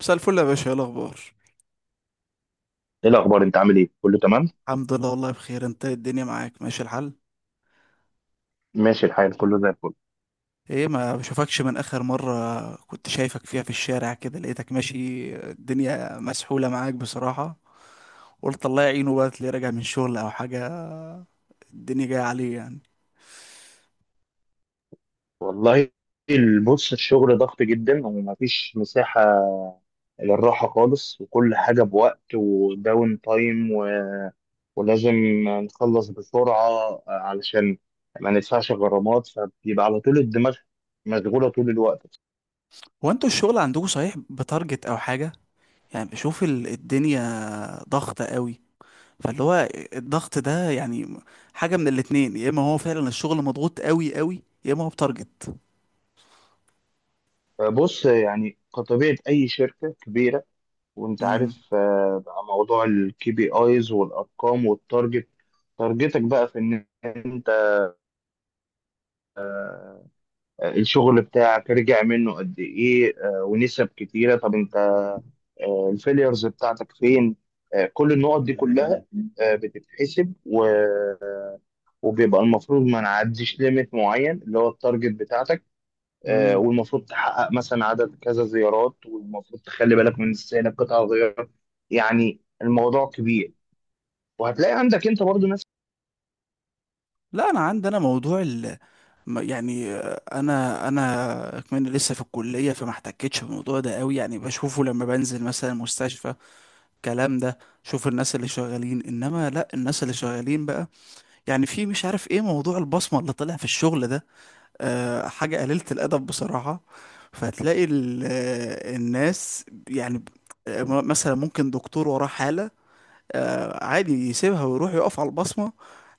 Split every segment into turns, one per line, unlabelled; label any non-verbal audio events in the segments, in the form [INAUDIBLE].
مساء الفل يا باشا، ايه الاخبار؟
ايه الاخبار، انت عامل ايه؟ كله تمام،
الحمد لله، والله بخير. انت إيه؟ الدنيا معاك ماشي الحال؟
ماشي الحال، كله زي الفل.
ايه، ما بشوفكش من اخر مرة كنت شايفك فيها في الشارع كده لقيتك ماشي، الدنيا مسحولة معاك بصراحة. قلت الله يعينه بقى اللي راجع من شغل او حاجة، الدنيا جاية عليه يعني.
والله، بص، الشغل ضغط جدا ومفيش مساحة للراحة خالص، وكل حاجة بوقت وداون تايم ولازم نخلص بسرعة علشان ما ندفعش غرامات، فبيبقى على طول الدماغ مشغولة طول الوقت.
هو انتوا الشغل عندكم صحيح بتارجت او حاجة؟ يعني بشوف الدنيا ضغطة قوي، فاللي هو الضغط ده يعني حاجة من الاتنين، يا اما هو فعلا الشغل مضغوط قوي قوي، يا اما هو بتارجت.
بص يعني كطبيعة أي شركة كبيرة وأنت عارف، بقى موضوع الكي بي آيز والأرقام والتارجت، تارجتك بقى في النهاية الشغل بتاعك رجع منه قد ايه، ونسب كتيره. طب انت الفيليرز بتاعتك فين؟ كل النقط دي كلها بتتحسب وبيبقى المفروض ما نعديش ليميت معين اللي هو التارجت بتاعتك.
امم
والمفروض تحقق مثلا عدد كذا زيارات، والمفروض تخلي بالك من استهلاك قطع غيار. يعني الموضوع كبير، وهتلاقي عندك انت برضو ناس.
لا، انا عندي انا موضوع يعني، انا كمان لسه في الكليه، فما احتكتش بالموضوع ده قوي، يعني بشوفه لما بنزل مثلا مستشفى الكلام ده. شوف الناس اللي شغالين، انما لا، الناس اللي شغالين بقى يعني في مش عارف ايه موضوع البصمه اللي طلع في الشغل ده. حاجه قليله الادب بصراحه. فتلاقي الناس يعني مثلا ممكن دكتور وراه حاله، عادي يسيبها ويروح يقف على البصمة.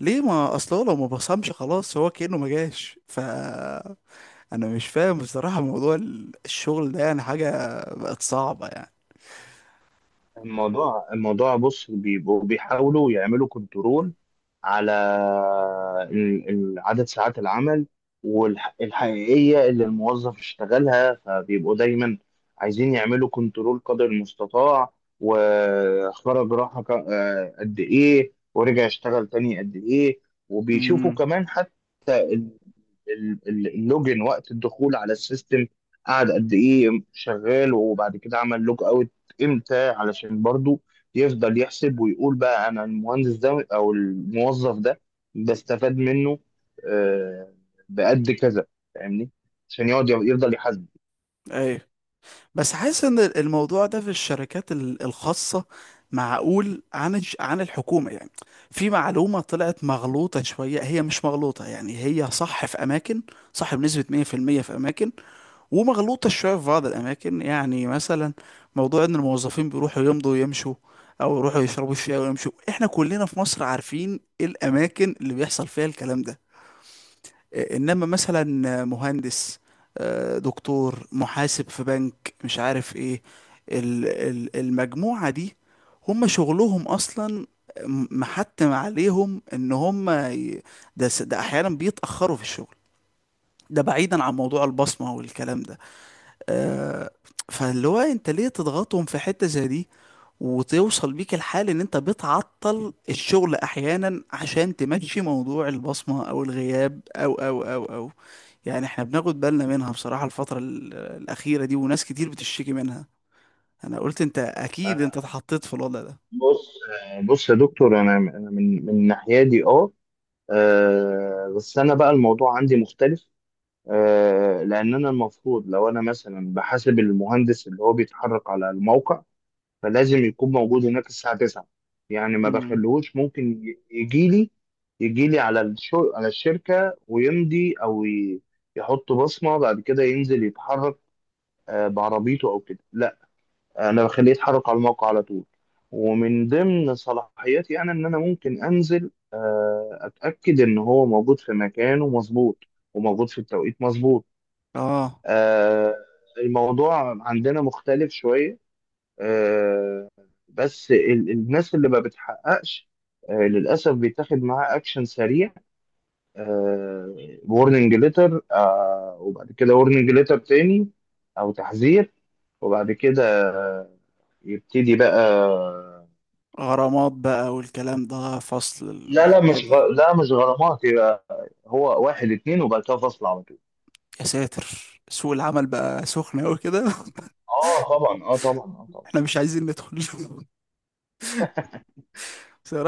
ليه؟ ما اصله لو ما بصمش خلاص هو كأنه ما جاش. ف انا مش فاهم بصراحة موضوع الشغل ده، يعني حاجة بقت صعبة يعني.
الموضوع بص، بيبقوا بيحاولوا يعملوا كنترول على عدد ساعات العمل والحقيقية اللي الموظف اشتغلها، فبيبقوا دايما عايزين يعملوا كنترول قدر المستطاع. وخرج راحة قد ايه، ورجع اشتغل تاني قد ايه، وبيشوفوا
امم
كمان حتى اللوجن وقت الدخول على السيستم، قعد قد ايه شغال، وبعد كده عمل لوج اوت امتى، علشان برضو يفضل يحسب ويقول بقى انا المهندس ده او الموظف ده بستفاد منه آه، بقد كذا، فاهمني؟ عشان يقعد يفضل يحاسب.
ايوه، بس حاسس ان الموضوع ده في الشركات الخاصة معقول عن عن الحكومة يعني. في معلومة طلعت مغلوطة شوية، هي مش مغلوطة يعني، هي صح في اماكن، صح بنسبة 100% في المية في اماكن، ومغلوطة شوية في بعض الأماكن. يعني مثلا موضوع إن الموظفين بيروحوا يمضوا ويمشوا أو يروحوا يشربوا الشاي ويمشوا، إحنا كلنا في مصر عارفين الأماكن اللي بيحصل فيها الكلام ده. إيه، إنما مثلا مهندس، دكتور، محاسب في بنك، مش عارف إيه، المجموعة دي هم شغلهم أصلا محتم عليهم إن هم ده أحيانا بيتأخروا في الشغل، ده بعيدا عن موضوع البصمة والكلام ده. آه، فاللي هو انت ليه تضغطهم في حتة زي دي، وتوصل بيك الحال ان انت بتعطل الشغل احيانا عشان تمشي موضوع البصمة او الغياب او، يعني احنا بناخد بالنا منها بصراحة الفترة الأخيرة دي، وناس كتير بتشتكي منها. انا قلت انت اكيد انت
آه،
اتحطيت في الوضع ده.
بص بص يا دكتور، أنا من ناحيتي اه، بس انا بقى الموضوع عندي مختلف، لان انا المفروض لو انا مثلا بحاسب المهندس اللي هو بيتحرك على الموقع، فلازم يكون موجود هناك الساعه 9. يعني ما
امم
بخلوش ممكن يجي لي، يجي لي على على الشركه ويمضي يحط بصمه، بعد كده ينزل يتحرك بعربيته او كده. لا، انا بخليه يتحرك على الموقع على طول، ومن ضمن صلاحياتي انا ان انا ممكن انزل اتاكد ان هو موجود في مكانه مظبوط وموجود في التوقيت مظبوط.
اه،
آه، الموضوع عندنا مختلف شوية. آه، بس ال- الناس اللي ما بتحققش للأسف بيتاخد معاها أكشن سريع، وورنينج ليتر، وبعد كده وورنينج ليتر تاني أو تحذير، وبعد كده آه، يبتدي بقى.
غرامات بقى والكلام ده، فصل
لا،
الحاجات
مش
دي؟
غ... لا، مش غرامات. يبقى هو واحد اتنين وبعد كده فصل على طول.
يا ساتر، سوق العمل بقى سخن قوي كده [LAUGHS]
اه طبعا، اه طبعا، اه طبعا.
احنا مش عايزين ندخل [LAUGHS]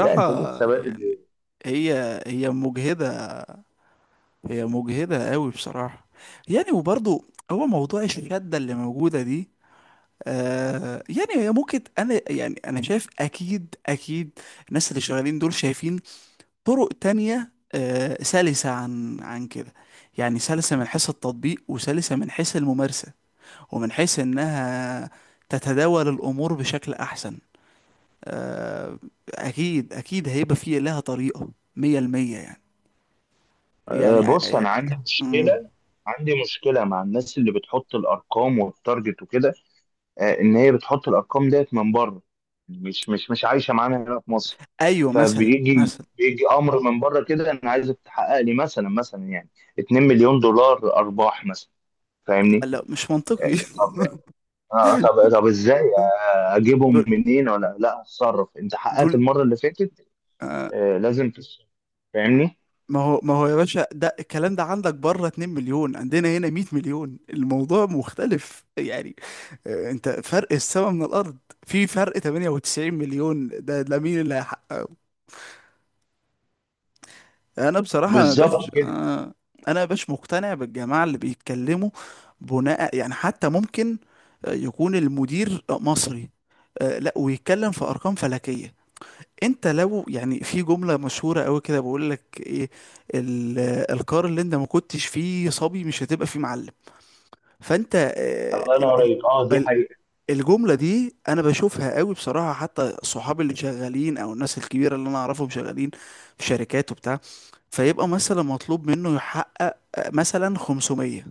لا، انت لسه بادئ.
يعني، هي هي مجهدة، هي مجهدة قوي بصراحة يعني. وبرضو، هو موضوع الشدة اللي موجودة دي، يعني هي ممكن، يعني انا شايف اكيد اكيد الناس اللي شغالين دول شايفين طرق تانية، سلسة عن كده، يعني سلسة من حيث التطبيق وسلسة من حيث الممارسة ومن حيث انها تتداول الامور بشكل احسن. آه اكيد اكيد هيبقى فيه لها طريقة مية المية يعني.
أه،
يعني
بص، انا
آه،
عندي
مم.
مشكله، عندي مشكله مع الناس اللي بتحط الارقام والتارجت وكده. أه، ان هي بتحط الارقام ديت من بره، مش عايشه معانا هنا في مصر.
ايوه، مثلا
فبيجي
مثلا
بيجي امر من بره كده: انا عايزك تحقق لي مثلا يعني 2 مليون دولار ارباح مثلا، فاهمني؟
لا مش منطقي.
أه،
[LAUGHS]
طب آه، طب طب ازاي أه، اجيبهم
دول
منين؟ ولا لا، اتصرف، انت حققت
دول
المره اللي فاتت،
آه،
أه، لازم تصرف، فاهمني؟
ما هو، ما هو يا باشا، ده الكلام ده عندك بره 2 مليون، عندنا هنا 100 مليون، الموضوع مختلف يعني. انت فرق السما من الارض، في فرق 98 مليون، ده مين اللي هيحقق؟ انا بصراحة ما
بالظبط
باش
كده.
آه، انا باش مقتنع بالجماعة اللي بيتكلموا بناء، يعني حتى ممكن يكون المدير مصري، لا ويتكلم في ارقام فلكية. انت لو يعني، في جملة مشهورة قوي كده بقول لك ايه: ال- القار اللي انت ما كنتش فيه صبي مش هتبقى فيه معلم. فانت
الله ينور عليك، اه، دي
ال-
حقيقة.
الجملة دي انا بشوفها قوي بصراحة. حتى صحابي اللي شغالين او الناس الكبيرة اللي انا اعرفهم شغالين في شركات وبتاع، فيبقى مثلا مطلوب منه يحقق مثلا 500،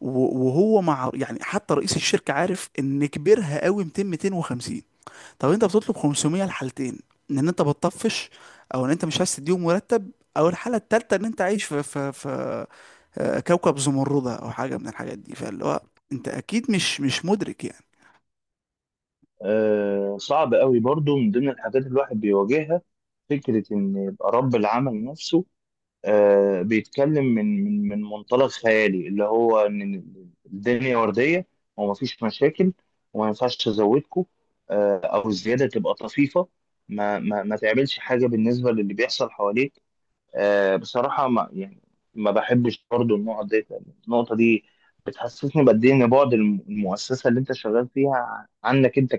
و- وهو مع، يعني حتى رئيس الشركة عارف ان كبرها قوي 200 250. طب انت بتطلب 500؟ الحالتين، ان انت بتطفش، او ان انت مش عايز تديهم مرتب، او الحاله التالته ان انت عايش في في كوكب زمردة او حاجه من الحاجات دي. فاللي هو انت اكيد مش مدرك يعني.
صعب قوي برضو من ضمن الحاجات اللي الواحد بيواجهها فكرة إن يبقى رب العمل نفسه بيتكلم من من منطلق خيالي اللي هو إن الدنيا وردية ومفيش مشاكل، وما ينفعش تزودكم أو الزيادة تبقى طفيفة، ما تعملش حاجة بالنسبة للي بيحصل حواليك. بصراحة ما يعني ما بحبش برضو النقط دي، النقطة دي بتحسسني بقد إيه إن بعد المؤسسة اللي أنت شغال فيها عنك، أنت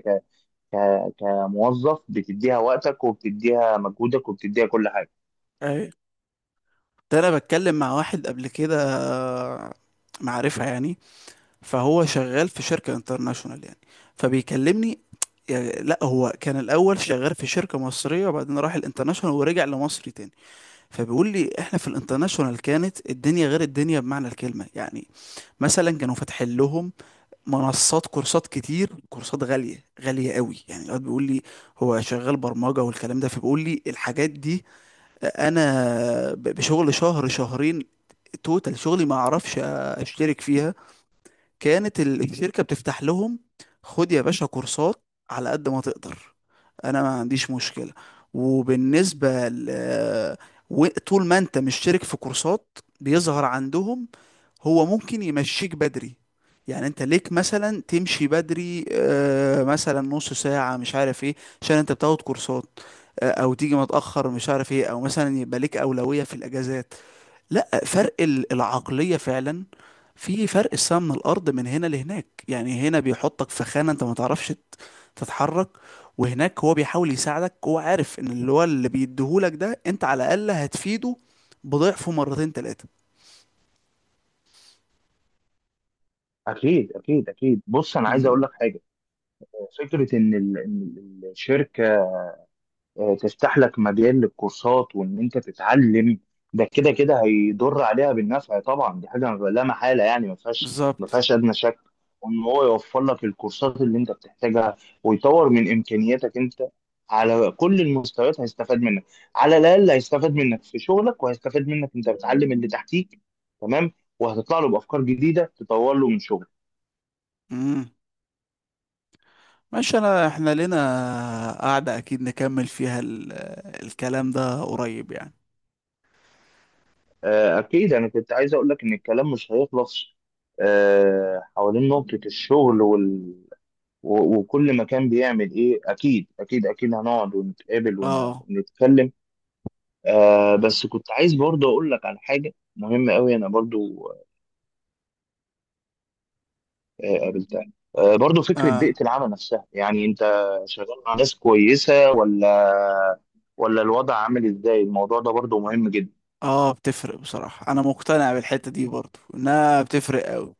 كموظف بتديها وقتك وبتديها مجهودك وبتديها كل حاجه.
ايوه، ده انا بتكلم مع واحد قبل كده، معرفة يعني، فهو شغال في شركة انترناشونال يعني، فبيكلمني، يعني لا هو كان الاول شغال في شركة مصرية وبعدين راح الانترناشونال ورجع لمصر تاني. فبيقول لي احنا في الانترناشونال كانت الدنيا غير الدنيا بمعنى الكلمه يعني. مثلا كانوا فاتحين لهم منصات كورسات كتير، كورسات غاليه غاليه قوي يعني. الواد بيقول لي، هو شغال برمجه والكلام ده، فبيقول لي الحاجات دي انا بشغل شهر شهرين توتال شغلي ما اعرفش اشترك فيها. كانت الشركة بتفتح لهم، خد يا باشا كورسات على قد ما تقدر، انا ما عنديش مشكلة. وبالنسبة طول ما انت مش شارك في كورسات بيظهر عندهم، هو ممكن يمشيك بدري. يعني انت ليك مثلا تمشي بدري، مثلا نص ساعة مش عارف ايه، عشان انت بتاخد كورسات. او تيجي متأخر مش عارف ايه، او مثلا يبقى ليك أولوية في الاجازات. لا فرق العقلية فعلا، في فرق السما من الأرض من هنا لهناك. يعني هنا بيحطك في خانة أنت ما تعرفش تتحرك، وهناك هو بيحاول يساعدك، هو عارف إن اللي هو اللي بيديهولك ده أنت على الأقل هتفيده بضعفه مرتين تلاتة.
اكيد، بص، انا عايز اقول
امم
لك حاجه: فكره ان إن ال- الشركه تفتح لك مجال للكورسات، وان انت تتعلم، ده كده كده هيضر عليها بالنفع طبعا، دي حاجه لا محاله، يعني ما فيهاش ما
بالظبط.
فيهاش ادنى شك. وان هو يوفر لك الكورسات اللي انت بتحتاجها ويطور من امكانياتك انت على كل المستويات، هيستفاد منك، على الاقل هيستفاد منك في شغلك، وهيستفاد منك انت بتعلم اللي تحتيك، تمام؟ وهتطلع له بافكار جديده تطور له من شغله.
امم ماشي. أنا، إحنا لنا قعدة أكيد نكمل فيها الكلام ده قريب يعني.
أكيد. أنا كنت عايز أقول لك إن الكلام مش هيخلص حوالين نقطة الشغل وكل مكان بيعمل إيه. أكيد أكيد أكيد هنقعد ونتقابل
اه،
ونتكلم. بس كنت عايز برضه أقول لك على حاجة مهمة أوي أنا برضه قابلتها، برضه فكرة بيئة
اه،
العمل نفسها. يعني أنت شغال مع ناس كويسة ولا الوضع عامل إزاي؟ الموضوع ده برضه مهم جدا.
اه، بتفرق بصراحة. أنا مقتنع بالحتة دي برضو، إنها بتفرق أوي،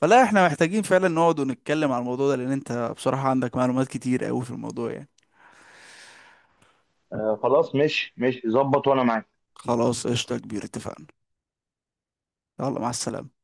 فلا احنا محتاجين فعلا نقعد ونتكلم على الموضوع ده، لان انت بصراحة عندك معلومات كتير قوي في الموضوع يعني.
خلاص، مش ظبط، وأنا معاك.
خلاص قشطة يا كبير، اتفقنا. يلا، مع السلامة.